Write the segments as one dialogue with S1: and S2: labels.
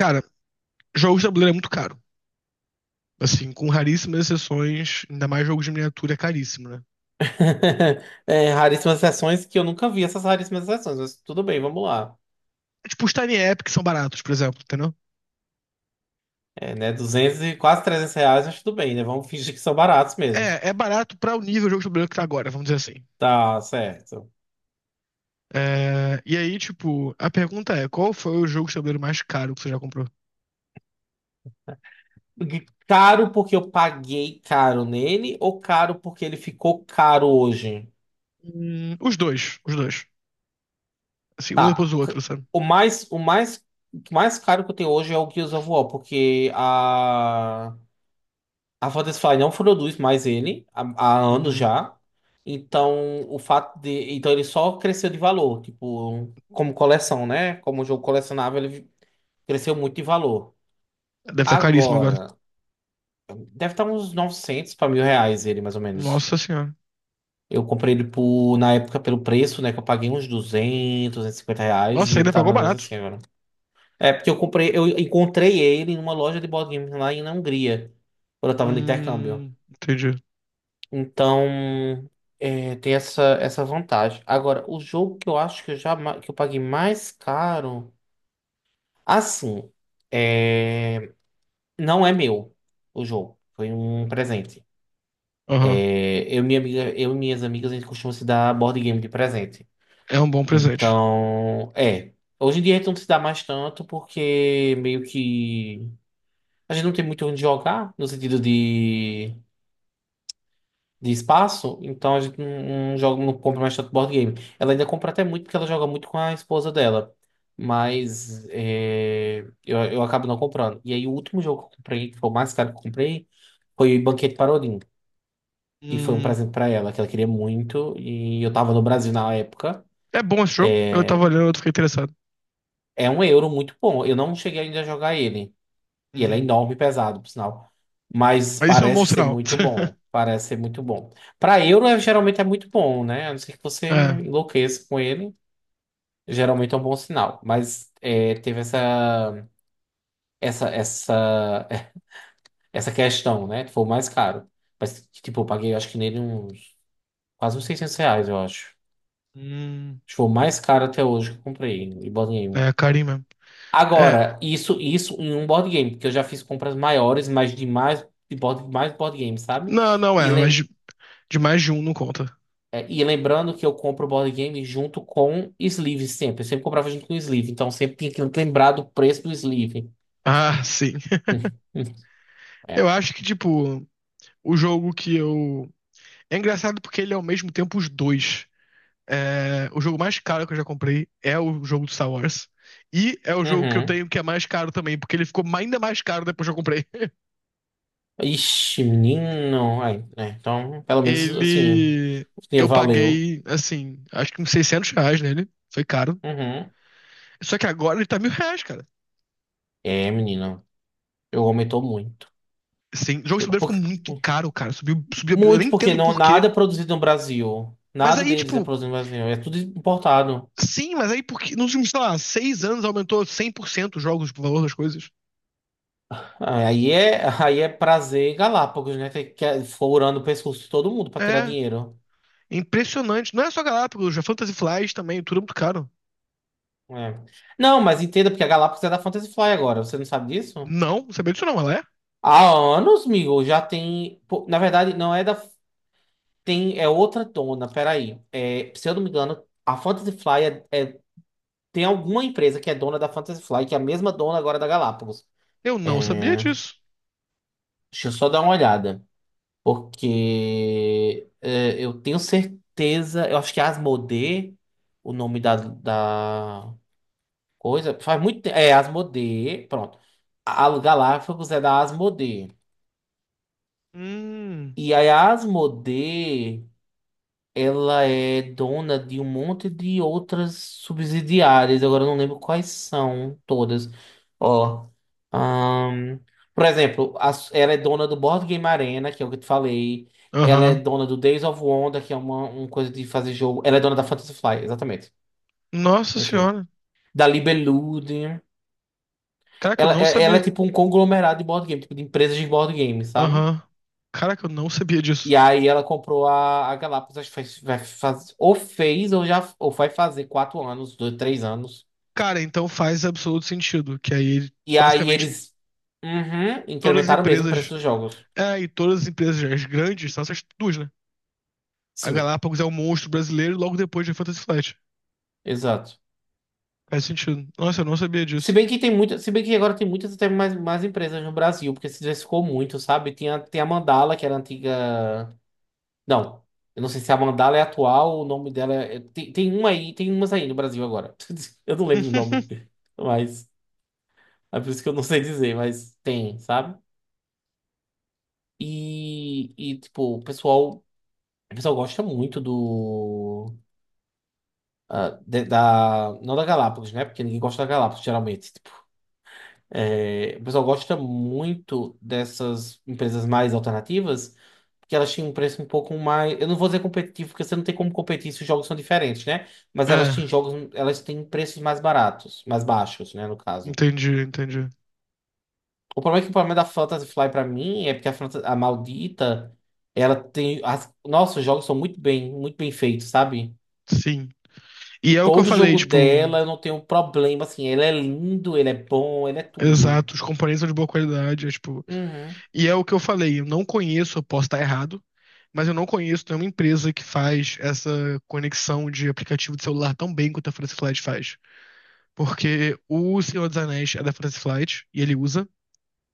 S1: Cara, jogos de tabuleiro é muito caro. Assim, com raríssimas exceções, ainda mais jogos de miniatura é caríssimo, né?
S2: É, raríssimas exceções que eu nunca vi essas raríssimas exceções, mas tudo bem, vamos lá.
S1: Tipo, os Tiny App que são baratos, por exemplo, entendeu?
S2: É, né, 200 e quase 300 reais, mas tudo bem, né? Vamos fingir que são baratos mesmo.
S1: É barato pra o nível de jogo de tabuleiro que tá agora, vamos dizer assim.
S2: Tá certo.
S1: É, e aí, tipo, a pergunta é: qual foi o jogo de tabuleiro mais caro que você já comprou?
S2: Caro porque eu paguei caro nele ou caro porque ele ficou caro hoje?
S1: Os dois, os dois. Assim, um depois
S2: Tá.
S1: do outro, sabe?
S2: O mais, o mais, o mais caro que eu tenho hoje é o Gears of War, porque a Firefly não produz mais ele há anos
S1: Uhum.
S2: já. Então, o fato de. Então, ele só cresceu de valor, tipo, como coleção, né? Como jogo colecionável, ele cresceu muito de valor.
S1: Deve estar caríssimo agora.
S2: Agora, deve estar uns 900 para 1.000 reais ele, mais ou menos.
S1: Nossa senhora.
S2: Eu comprei ele por, na época pelo preço, né? Que eu paguei uns 200, 250 reais e
S1: Nossa,
S2: ele
S1: ainda
S2: tá
S1: pagou
S2: mais ou menos
S1: barato.
S2: assim agora. É, porque eu comprei, eu encontrei ele numa loja de board games lá na Hungria, quando eu tava no intercâmbio.
S1: Entendi.
S2: Então, é, tem essa vantagem. Agora, o jogo que eu acho que eu paguei mais caro, assim, é, não é meu o jogo. Foi um presente.
S1: Aham.
S2: É, eu e minhas amigas, a gente costuma se dar board game de presente.
S1: É um bom presente.
S2: Então, é. Hoje em dia a gente não se dá mais tanto porque meio que a gente não tem muito onde jogar, no sentido de espaço, então a gente não joga, não compra mais tanto board game. Ela ainda compra até muito porque ela joga muito com a esposa dela. Mas é, eu acabo não comprando. E aí o último jogo que eu comprei, que foi o mais caro que eu comprei, foi o Banquete para Odin. E foi um
S1: Hum,
S2: presente para ela, que ela queria muito. E eu tava no Brasil na época.
S1: é bom esse jogo. Eu tava olhando, eu fiquei interessado.
S2: É um euro muito bom. Eu não cheguei ainda a jogar ele. E ele é
S1: Uhum.
S2: enorme e pesado, por sinal. Mas
S1: Mas isso é um bom
S2: parece ser
S1: sinal.
S2: muito bom. Parece ser muito bom. Para euro, geralmente é muito bom, né? A não ser que você
S1: É,
S2: enlouqueça com ele. Geralmente é um bom sinal. Mas é, teve essa, essa, essa questão, né? Foi o mais caro. Mas, tipo, eu paguei, acho que nele uns quase uns 600 reais, eu acho. Acho
S1: Hum.
S2: que foi o mais caro até hoje que eu comprei em board game.
S1: É, carinho mesmo. É,
S2: Agora, isso em um board game, porque eu já fiz compras maiores, mas de mais, de board, mais board game, sabe?
S1: não, não
S2: E
S1: é, mas
S2: lem-
S1: de mais de um não conta.
S2: É, e lembrando que eu compro o board game junto com sleeve sempre. Eu sempre comprava junto com sleeve. Então sempre tinha que lembrar do preço do sleeve.
S1: Ah, sim.
S2: É.
S1: Eu acho que, tipo, o jogo que eu. É engraçado porque ele é ao mesmo tempo os dois. É, o jogo mais caro que eu já comprei é o jogo do Star Wars. E é o jogo que eu
S2: Uhum.
S1: tenho que é mais caro também, porque ele ficou ainda mais caro depois que eu comprei.
S2: Ixi, menino. Ai, é, então, pelo menos assim,
S1: Ele.
S2: o dinheiro
S1: Eu
S2: valeu.
S1: paguei, assim, acho que uns 600 reais nele. Foi caro.
S2: Uhum.
S1: Só que agora ele tá mil reais, cara.
S2: É, menino. Eu aumentou muito.
S1: Sim, o jogo de tabuleiro ficou
S2: Por-
S1: muito caro, cara. Subiu, subiu, eu nem
S2: Muito porque
S1: entendo
S2: não,
S1: por quê.
S2: nada é produzido no Brasil.
S1: Mas
S2: Nada
S1: aí,
S2: deles é
S1: tipo,
S2: produzido no Brasil. É tudo importado.
S1: sim, mas aí porque nos últimos, sei lá, seis anos aumentou 100% os jogos, tipo, o valor das coisas.
S2: Ah, aí é prazer em Galápagos, né? É furando o pescoço de todo mundo pra tirar
S1: É,
S2: dinheiro.
S1: impressionante. Não é só Galápagos, a Fantasy Flight também, tudo é muito caro.
S2: É. Não, mas entenda, porque a Galápagos é da Fantasy Fly agora. Você não sabe disso?
S1: Não, não sabia disso não, ela é?
S2: Há anos, amigo, já tem. Pô, na verdade, não é da. Tem, é outra dona, peraí. É, se eu não me engano, a Fantasy Fly tem alguma empresa que é dona da Fantasy Fly, que é a mesma dona agora da Galápagos.
S1: Eu não
S2: É,
S1: sabia disso.
S2: deixa eu só dar uma olhada. Porque é, eu tenho certeza. Eu acho que é Asmodee, o nome da coisa, faz muito tempo. É, Asmodee, pronto. A Galápagos é da Asmodee.
S1: Hum,
S2: E aí a Asmodee, ela é dona de um monte de outras subsidiárias. Agora eu não lembro quais são todas. Ó, ahn, por exemplo, ela é dona do Board Game Arena, que é o que eu te falei. Ela é
S1: aham.
S2: dona do Days of Wonder, que é uma coisa de fazer jogo. Ela é dona da Fantasy Fly, exatamente.
S1: Nossa
S2: Aqui.
S1: senhora.
S2: Da Libelude.
S1: Caraca, eu
S2: Ela,
S1: não
S2: é- ela
S1: sabia.
S2: é tipo um conglomerado de board game, tipo de empresas de board game, sabe?
S1: Aham. Caraca, eu não sabia disso.
S2: E aí ela comprou a Galápagos, acho que faz, vai faz, ou fez, ou já, ou vai fazer 4 anos, 2, 3 anos.
S1: Cara, então faz absoluto sentido, que aí
S2: E aí
S1: basicamente
S2: eles, uhum,
S1: todas as
S2: incrementaram mesmo o preço
S1: empresas.
S2: dos jogos.
S1: É, e todas as empresas as grandes são essas duas, né? A
S2: Sim,
S1: Galápagos é o monstro brasileiro logo depois de Fantasy Flight.
S2: exato.
S1: Faz sentido. Nossa, eu não sabia
S2: Se
S1: disso.
S2: bem que tem muita, se bem que agora tem muitas até mais empresas no Brasil, porque se diversificou muito, sabe? Tinha, tem a Mandala, que era antiga. Não. Eu não sei se a mandala é atual, o nome dela é... Tem uma aí, tem umas aí no Brasil agora. Eu não lembro o nome. Mas é por isso que eu não sei dizer, mas tem, sabe? E tipo, o pessoal gosta muito do. Ah, não da Galápagos, né? Porque ninguém gosta da Galápagos, geralmente. Tipo, é, o pessoal gosta muito dessas empresas mais alternativas. Porque elas tinham um preço um pouco mais. Eu não vou dizer competitivo, porque você não tem como competir se os jogos são diferentes, né? Mas elas
S1: É,
S2: têm jogos, elas têm preços mais baratos, mais baixos, né? No caso.
S1: entendi, entendi.
S2: O problema é que o problema da Fantasy Fly pra mim é porque a, Fantasy, a maldita, ela tem. As... Nossa, os jogos são muito bem feitos, sabe?
S1: Sim. E é o que eu
S2: Todo
S1: falei,
S2: jogo
S1: tipo,
S2: dela eu não tenho problema, assim. Ele é lindo, ele é bom, ele é tudo.
S1: exato, os componentes são de boa qualidade, é, tipo,
S2: Uhum,
S1: e é o que eu falei, eu não conheço, eu posso estar errado, mas eu não conheço nenhuma empresa que faz essa conexão de aplicativo de celular tão bem quanto a Fantasy Flight faz. Porque o Senhor dos Anéis é da Fantasy Flight e ele usa.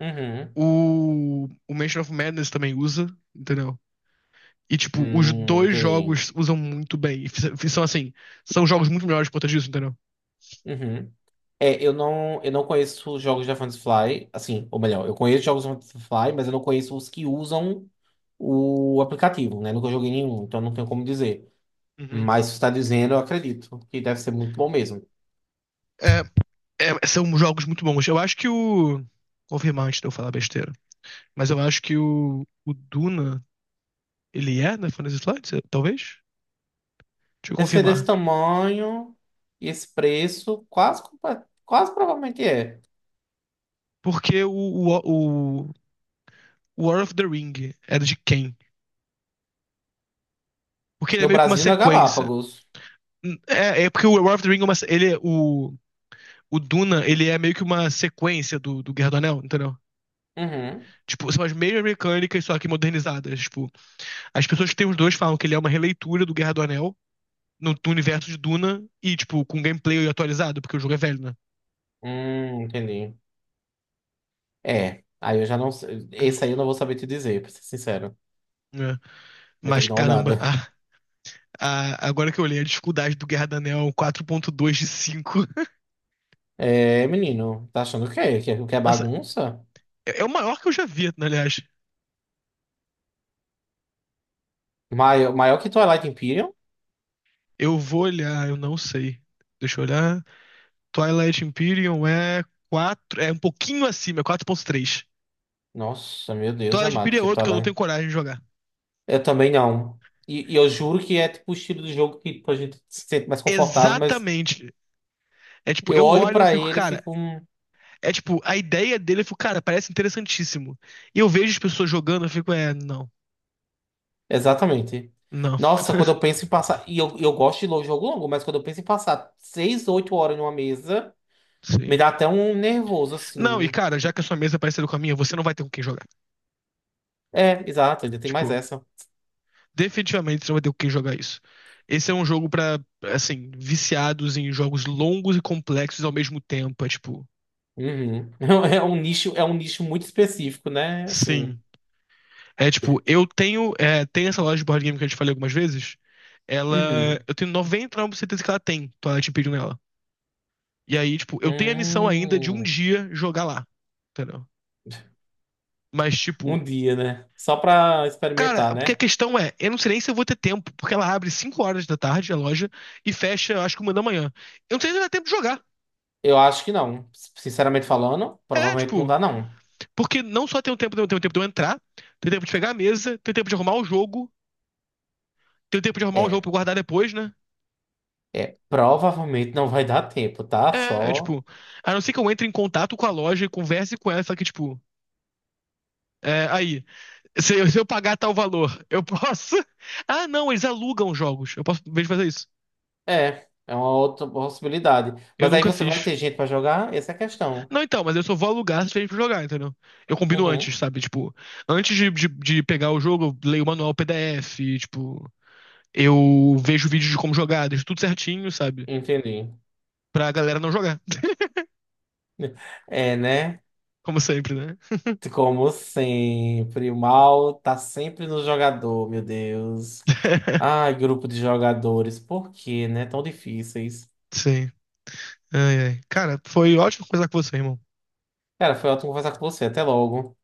S2: uhum.
S1: O Mansion of Madness também usa, entendeu? E, tipo, os dois
S2: Entendi.
S1: jogos usam muito bem. E são, assim, são jogos muito melhores por conta disso, entendeu?
S2: Uhum. É, eu não conheço os jogos da Fantasy assim, ou melhor, eu conheço jogos da Fantasy mas eu não conheço os que usam o aplicativo, né? Nunca joguei nenhum, então não tenho como dizer.
S1: Uhum.
S2: Mas se você está dizendo, eu acredito que deve ser muito bom mesmo.
S1: É, são jogos muito bons. Eu acho que o. Confirmar antes de eu falar besteira. Mas eu acho que o Duna. Ele é na Fantasy Flight, talvez? Deixa eu
S2: Deve ser desse
S1: confirmar.
S2: tamanho e esse preço, quase provavelmente é.
S1: Porque o o War of the Ring era de quem? Porque ele é
S2: No
S1: meio que uma
S2: Brasil, na
S1: sequência.
S2: Galápagos.
S1: É, é porque o War of the Ring, é uma, se- ele, é- o Duna, ele é meio que uma sequência do, do Guerra do Anel, entendeu?
S2: Uhum.
S1: Tipo, são as mesmas mecânicas, só que modernizadas. Tipo, as pessoas que têm os dois falam que ele é uma releitura do Guerra do Anel no, no universo de Duna e, tipo, com gameplay atualizado, porque o jogo é velho, né?
S2: Entendi. É, aí eu já não sei. Esse aí eu não vou saber te dizer, pra ser sincero.
S1: É.
S2: Vou ter
S1: Mas,
S2: que dar uma
S1: caramba,
S2: olhada.
S1: ah, agora que eu olhei a dificuldade do Guerra do Anel, é um 4.2 de 5
S2: É, menino, tá achando o quê? Que é
S1: Nossa,
S2: bagunça?
S1: é o maior que eu já vi, aliás.
S2: Maior, maior que Twilight Imperium?
S1: Eu vou olhar, eu não sei. Deixa eu olhar. Twilight Imperium é quatro, é um pouquinho acima, é quatro ponto três.
S2: Nossa, meu Deus
S1: Twilight
S2: amado,
S1: Imperium é
S2: que
S1: outro que eu não tenho
S2: Twilight.
S1: coragem de jogar.
S2: Eu também não. E eu juro que é tipo o estilo de jogo que tipo, a gente se sente mais confortável, mas
S1: Exatamente. É tipo,
S2: eu
S1: eu
S2: olho
S1: olho e eu
S2: pra
S1: fico,
S2: ele e
S1: cara,
S2: fico.
S1: é tipo, a ideia dele, eu fico, cara, parece interessantíssimo. E eu vejo as pessoas jogando, eu fico, é, não,
S2: Exatamente.
S1: não,
S2: Nossa, quando eu penso em passar. E eu gosto de jogo longo, mas quando eu penso em passar 6-8 horas numa mesa, me
S1: sim.
S2: dá até um nervoso,
S1: Não,
S2: assim.
S1: e cara, já que a sua mesa é parecida com a minha, você não vai ter com quem jogar.
S2: É, exato, ainda tem mais
S1: Tipo,
S2: essa.
S1: definitivamente você não vai ter com quem jogar isso. Esse é um jogo pra, assim, viciados em jogos longos e complexos ao mesmo tempo. É tipo.
S2: Uhum. É um nicho muito específico, né? Assim.
S1: Sim. É tipo, eu tenho. É, tem essa loja de board game que eu te falei algumas vezes. Ela.
S2: Uhum.
S1: Eu tenho noventa e nove por cento de certeza que ela tem Twilight Imperium nela. E aí, tipo, eu tenho a missão ainda de um
S2: Hum.
S1: dia jogar lá. Entendeu? Mas, tipo.
S2: Um dia, né? Só pra
S1: Cara,
S2: experimentar,
S1: porque a
S2: né?
S1: questão é, eu não sei nem se eu vou ter tempo, porque ela abre 5 horas da tarde a loja e fecha, eu acho que uma da manhã. Eu não sei se vai ter tempo de jogar.
S2: Eu acho que não. Sinceramente falando,
S1: É,
S2: provavelmente não
S1: tipo,
S2: dá, não.
S1: porque não só tem o tempo, tem o tempo, tem o tempo de eu entrar, tem o tempo de pegar a mesa, tem o tempo de arrumar o jogo, tem o tempo de arrumar o jogo pra
S2: É,
S1: eu guardar depois, né?
S2: Provavelmente não vai dar tempo, tá?
S1: É, é
S2: Só.
S1: tipo, a não ser que eu entre em contato com a loja e converse com ela, só que, tipo, é, aí, se eu pagar tal valor, eu posso. Ah, não, eles alugam jogos. Eu posso, em vez de fazer isso.
S2: É uma outra possibilidade.
S1: Eu
S2: Mas aí
S1: nunca
S2: você vai
S1: fiz.
S2: ter gente pra jogar? Essa é a questão.
S1: Não, então, mas eu só vou alugar se tiver pra jogar, entendeu? Eu combino antes,
S2: Uhum.
S1: sabe? Tipo, antes de pegar o jogo, eu leio o manual PDF, tipo, eu vejo vídeos de como jogar, deixo tudo certinho, sabe?
S2: Entendi.
S1: Pra galera não jogar,
S2: É, né?
S1: como sempre, né?
S2: Como sempre, o mal tá sempre no jogador, meu Deus. Ai, grupo de jogadores, por que, né? Tão difíceis.
S1: Sim. Ai, ai. Cara, foi ótimo conversar com você, irmão.
S2: Cara, foi ótimo conversar com você. Até logo.